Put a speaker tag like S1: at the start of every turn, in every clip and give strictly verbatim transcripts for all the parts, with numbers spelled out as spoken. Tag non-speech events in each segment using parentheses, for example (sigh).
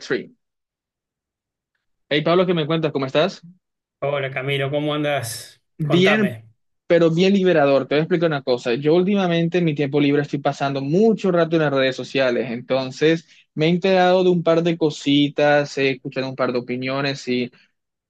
S1: Tree. Hey Pablo, ¿qué me cuentas? ¿Cómo estás?
S2: Hola Camilo, ¿cómo andas?
S1: Bien,
S2: Contame.
S1: pero bien liberador. Te voy a explicar una cosa. Yo últimamente en mi tiempo libre estoy pasando mucho rato en las redes sociales, entonces me he enterado de un par de cositas, he escuchado un par de opiniones y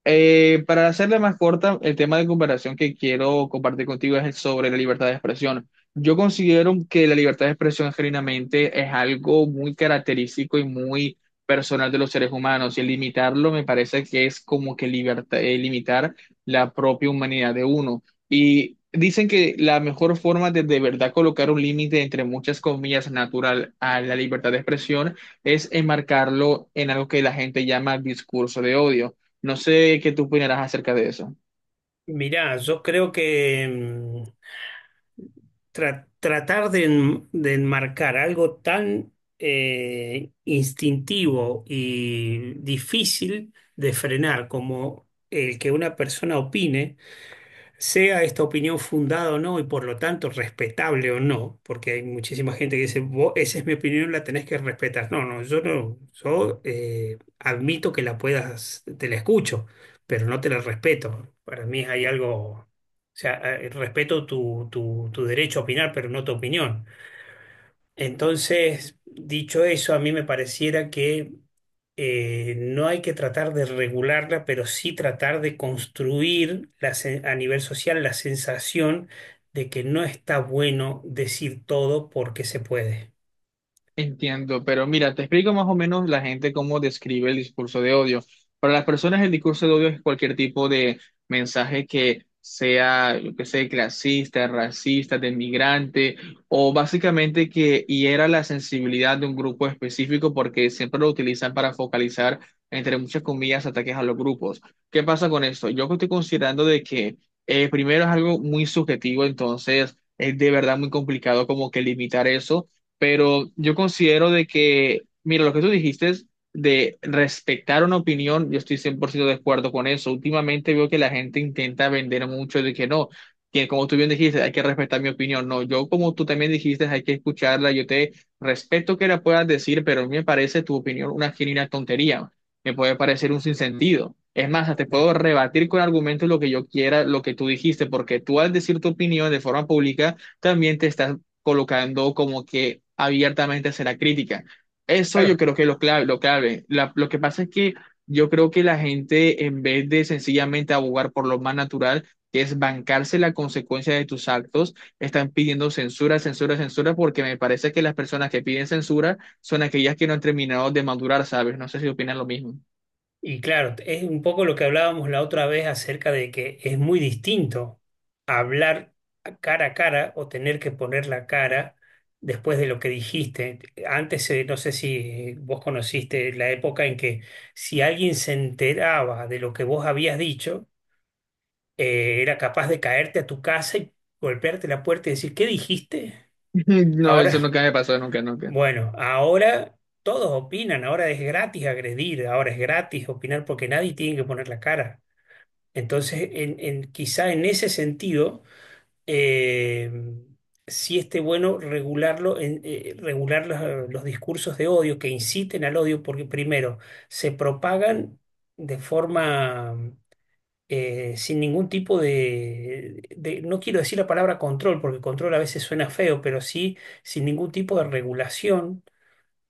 S1: Eh, para hacerla más corta, el tema de comparación que quiero compartir contigo es el sobre la libertad de expresión. Yo considero que la libertad de expresión genuinamente es algo muy característico y muy personal de los seres humanos y el limitarlo me parece que es como que liberta- eh, limitar la propia humanidad de uno. Y dicen que la mejor forma de de verdad colocar un límite entre muchas comillas natural a la libertad de expresión es enmarcarlo en algo que la gente llama discurso de odio. No sé qué tú opinarás acerca de eso.
S2: Mirá, yo creo que mm, tra- tratar de, en- de enmarcar algo tan eh, instintivo y difícil de frenar como el que una persona opine, sea esta opinión fundada o no y por lo tanto respetable o no, porque hay muchísima gente que dice, "Vos, esa es mi opinión, la tenés que respetar. No, no, yo no, yo eh, admito que la puedas, te la escucho, pero no te la respeto. Para mí hay algo, o sea, eh, respeto tu, tu, tu derecho a opinar, pero no tu opinión. Entonces, dicho eso, a mí me pareciera que eh, no hay que tratar de regularla, pero sí tratar de construir la sen- a nivel social la sensación de que no está bueno decir todo porque se puede.
S1: Entiendo, pero mira, te explico más o menos la gente cómo describe el discurso de odio. Para las personas, el discurso de odio es cualquier tipo de mensaje que sea, yo que sé, clasista, racista, de migrante, o básicamente que hiera la sensibilidad de un grupo específico porque siempre lo utilizan para focalizar, entre muchas comillas, ataques a los grupos. ¿Qué pasa con esto? Yo estoy considerando de que eh, primero es algo muy subjetivo, entonces es de verdad muy complicado como que limitar eso, pero yo considero de que, mira, lo que tú dijiste es de respetar una opinión, yo estoy cien por ciento de acuerdo con eso. Últimamente veo que la gente intenta vender mucho de que no, que como tú bien dijiste, hay que respetar mi opinión. No, yo como tú también dijiste, hay que escucharla, yo te respeto que la puedas decir, pero a mí me parece tu opinión una genuina tontería, me puede parecer un sinsentido. Es más, te puedo rebatir con argumentos lo que yo quiera, lo que tú dijiste, porque tú al decir tu opinión de forma pública, también te estás colocando como que abiertamente será crítica. Eso yo
S2: Claro.
S1: creo que es lo clave, lo clave. La- lo que pasa es que yo creo que la gente, en vez de sencillamente abogar por lo más natural, que es bancarse la consecuencia de tus actos, están pidiendo censura, censura, censura, porque me parece que las personas que piden censura son aquellas que no han terminado de madurar, ¿sabes? No sé si opinan lo mismo.
S2: Y claro, es un poco lo que hablábamos la otra vez acerca de que es muy distinto hablar cara a cara o tener que poner la cara después de lo que dijiste. Antes, eh, no sé si vos conociste la época en que si alguien se enteraba de lo que vos habías dicho, eh, era capaz de caerte a tu casa y golpearte la puerta y decir, ¿qué dijiste?
S1: (laughs) No, eso
S2: Ahora,
S1: nunca me pasó, nunca, nunca.
S2: bueno. ahora... Todos opinan, ahora es gratis agredir, ahora es gratis opinar porque nadie tiene que poner la cara. Entonces, en, en- quizá en ese sentido, eh, sí esté bueno regularlo, en- eh, regular los, los discursos de odio que inciten al odio, porque primero, se propagan de forma eh, sin ningún tipo de, de- no quiero decir la palabra control, porque control a veces suena feo, pero sí sin ningún tipo de regulación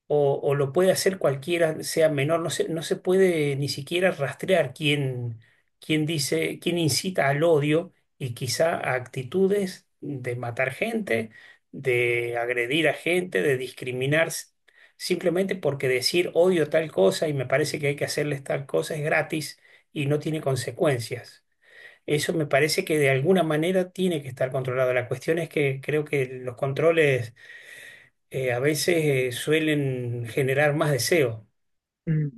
S2: o, o lo puede hacer cualquiera, sea menor, no se, no se puede ni siquiera rastrear quién, quién dice, quién incita al odio y quizá a actitudes de matar gente, de agredir a gente, de discriminar, s- simplemente porque decir odio tal cosa y me parece que hay que hacerles tal cosa es gratis y no tiene consecuencias. Eso me parece que de alguna manera tiene que estar controlado. La cuestión es que creo que los controles eh, a veces eh, suelen generar más deseo.
S1: Mm,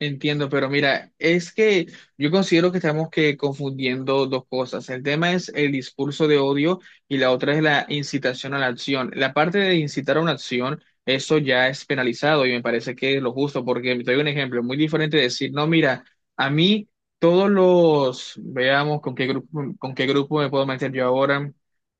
S1: Entiendo, pero mira, es que yo considero que estamos que confundiendo dos cosas. El tema es el discurso de odio y la otra es la incitación a la acción. La parte de incitar a una acción, eso ya es penalizado y me parece que es lo justo, porque te doy un ejemplo muy diferente de decir, no, mira, a mí todos los, veamos con qué grupo, con qué grupo me puedo meter yo ahora.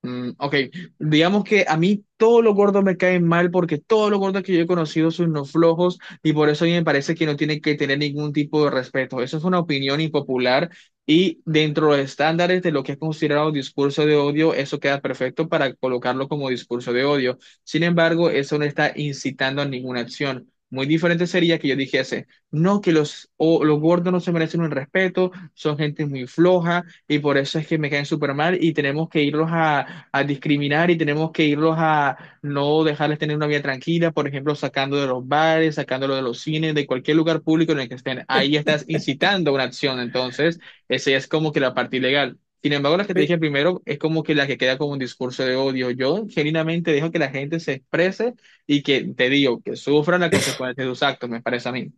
S1: Mm, ok, digamos que a mí todos los gordos me caen mal porque todos los gordos que yo he conocido son unos flojos y por eso a mí me parece que no tiene que tener ningún tipo de respeto. Eso es una opinión impopular y dentro de los estándares de lo que es considerado discurso de odio, eso queda perfecto para colocarlo como discurso de odio. Sin embargo, eso no está incitando a ninguna acción. Muy diferente sería que yo dijese, no, que los, o, los gordos no se merecen un respeto, son gente muy floja y por eso es que me caen súper mal y tenemos que irlos a, a discriminar y tenemos que irlos a, no dejarles tener una vida tranquila, por ejemplo, sacando de los bares, sacándolo de los cines, de cualquier lugar público en el que estén. Ahí estás incitando una acción, entonces, esa es como que la parte ilegal. Sin embargo, la que te
S2: Sí.
S1: dije primero es como que la que queda como un discurso de odio. Yo genuinamente dejo que la gente se exprese y que te digo, que sufran las consecuencias de sus actos, me parece a mí.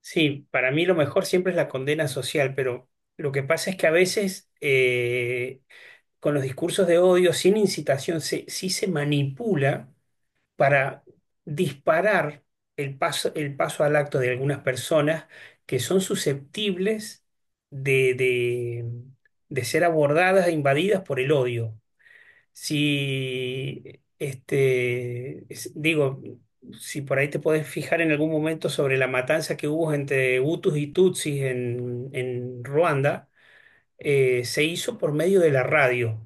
S2: Sí, para mí lo mejor siempre es la condena social, pero lo que pasa es que a veces eh, con los discursos de odio, sin incitación, se- sí se manipula para disparar el paso, el paso al acto de algunas personas que son susceptibles de, de de ser abordadas e invadidas por el odio. Si, este, es- digo, si por ahí te podés fijar en algún momento sobre la matanza que hubo entre Hutus y Tutsis en, en Ruanda, eh, se hizo por medio de la radio,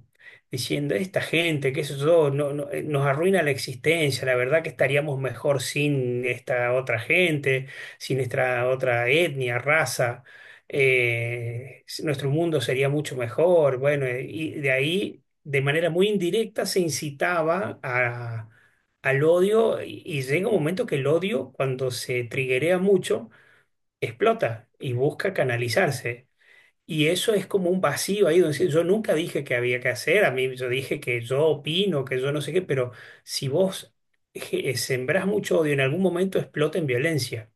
S2: diciendo, esta gente, qué sé yo, no, no, eh, nos arruina la existencia, la verdad que estaríamos mejor sin esta otra gente, sin esta otra etnia, raza, eh, s- nuestro mundo sería mucho mejor. Bueno, eh, y de ahí, de manera muy indirecta, se incitaba a- al odio y, y llega un momento que el odio, cuando se triguea mucho, explota y busca canalizarse. Y eso es como un vacío ahí donde sí, yo nunca dije que había que hacer, a mí yo dije que yo opino, que yo no sé qué, pero si vos je- sembrás mucho odio, en algún momento explota en violencia.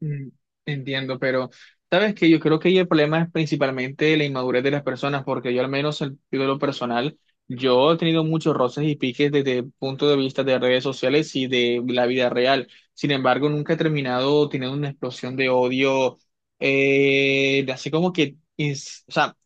S1: Mm, Entiendo, pero sabes que yo creo que ahí el problema es principalmente la inmadurez de las personas, porque yo al menos en de lo personal, yo he tenido muchos roces y piques desde el punto de vista de redes sociales y de la vida real. Sin embargo, nunca he terminado teniendo una explosión de odio, eh, de así como que, ins- o sea,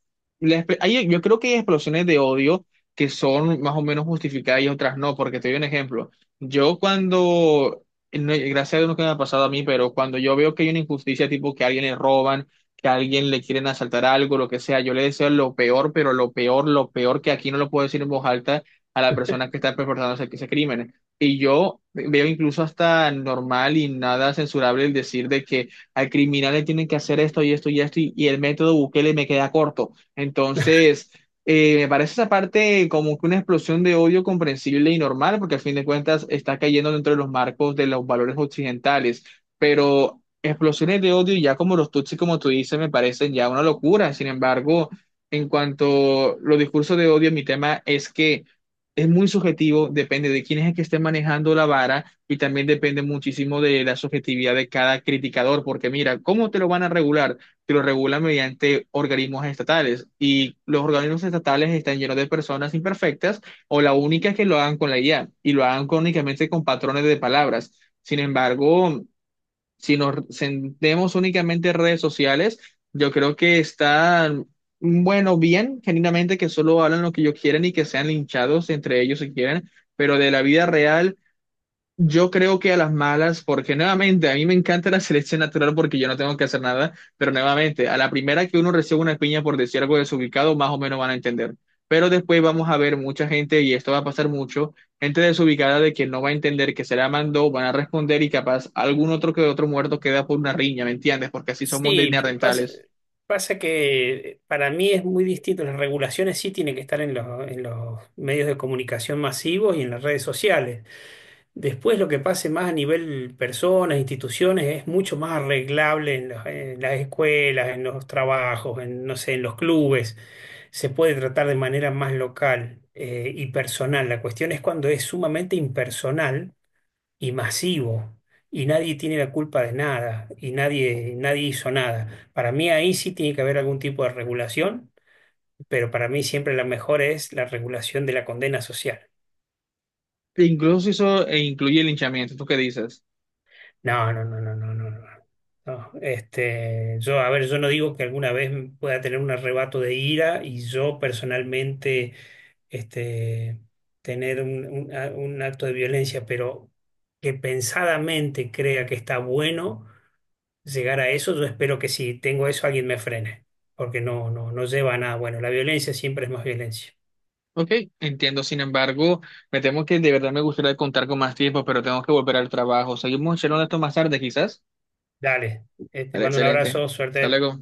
S1: la espe- hay- yo creo que hay explosiones de odio que son más o menos justificadas y otras no, porque te doy un ejemplo. Yo cuando no, gracias a Dios nunca me ha pasado a mí, pero cuando yo veo que hay una injusticia, tipo que a alguien le roban, que a alguien le quieren asaltar algo, lo que sea, yo le deseo lo peor, pero lo peor, lo peor que aquí no lo puedo decir en voz alta a la persona que está perpetrando ese, ese crimen. Y yo veo incluso hasta normal y nada censurable el decir de que al criminal le tienen que hacer esto y esto y esto, y, y el método Bukele me queda corto. Entonces. Eh, me parece esa parte como que una explosión de odio comprensible y normal, porque al fin de cuentas está cayendo dentro de los marcos de los valores occidentales, pero explosiones de odio ya como los tutsis, como tú dices, me parecen ya una locura. Sin embargo, en cuanto a los discursos de odio, mi tema es que es muy subjetivo, depende de quién es el que esté manejando la vara y también depende muchísimo de la subjetividad de cada criticador, porque mira, ¿cómo te lo van a regular? Que lo regulan mediante organismos estatales. Y los organismos estatales están llenos de personas imperfectas o la única es que lo hagan con la I A y lo hagan con- únicamente con patrones de palabras. Sin embargo, si nos centremos únicamente en redes sociales, yo creo que están, mm, bueno, bien, genuinamente que solo hablan lo que ellos quieren y que sean linchados entre ellos si quieren, pero de la vida real yo creo que a las malas, porque nuevamente a mí me encanta la selección natural porque yo no tengo que hacer nada, pero nuevamente a la primera que uno recibe una piña por decir algo desubicado, más o menos van a entender. Pero después vamos a ver mucha gente, y esto va a pasar mucho, gente desubicada de que no va a entender que se la mandó, van a responder y capaz algún otro que otro muerto queda por una riña, ¿me entiendes? Porque así somos de
S2: Sí, p- pasa,
S1: neandertales.
S2: pasa que para mí es muy distinto, las regulaciones sí tienen que estar en los, en los medios de comunicación masivos y en las redes sociales. Después lo que pase más a nivel personas, instituciones, es mucho más arreglable en, los- en las escuelas, en los trabajos, en, no sé, en los clubes se puede tratar de manera más local eh, y personal. La cuestión es cuando es sumamente impersonal y masivo y nadie tiene la culpa de nada y nadie, nadie hizo nada. Para mí ahí sí tiene que haber algún tipo de regulación, pero para mí siempre la mejor es la regulación de la condena social.
S1: Incluso eso eh, incluye el linchamiento, ¿tú qué dices?
S2: No, no, no, no, no, no, no. No. Este, yo, a ver, yo no digo que alguna vez pueda tener un arrebato de ira y yo personalmente, este, tener un, un a- un acto de violencia, pero que pensadamente crea que está bueno llegar a eso, yo espero que si tengo eso alguien me frene, porque no, no, no lleva a nada bueno. La violencia siempre es más violencia.
S1: Ok, entiendo. Sin embargo, me temo que de verdad me gustaría contar con más tiempo, pero tengo que volver al trabajo. Seguimos charlando esto más tarde, quizás.
S2: Dale, eh, te
S1: Dale,
S2: mando un
S1: excelente.
S2: abrazo,
S1: Hasta
S2: suerte.
S1: luego.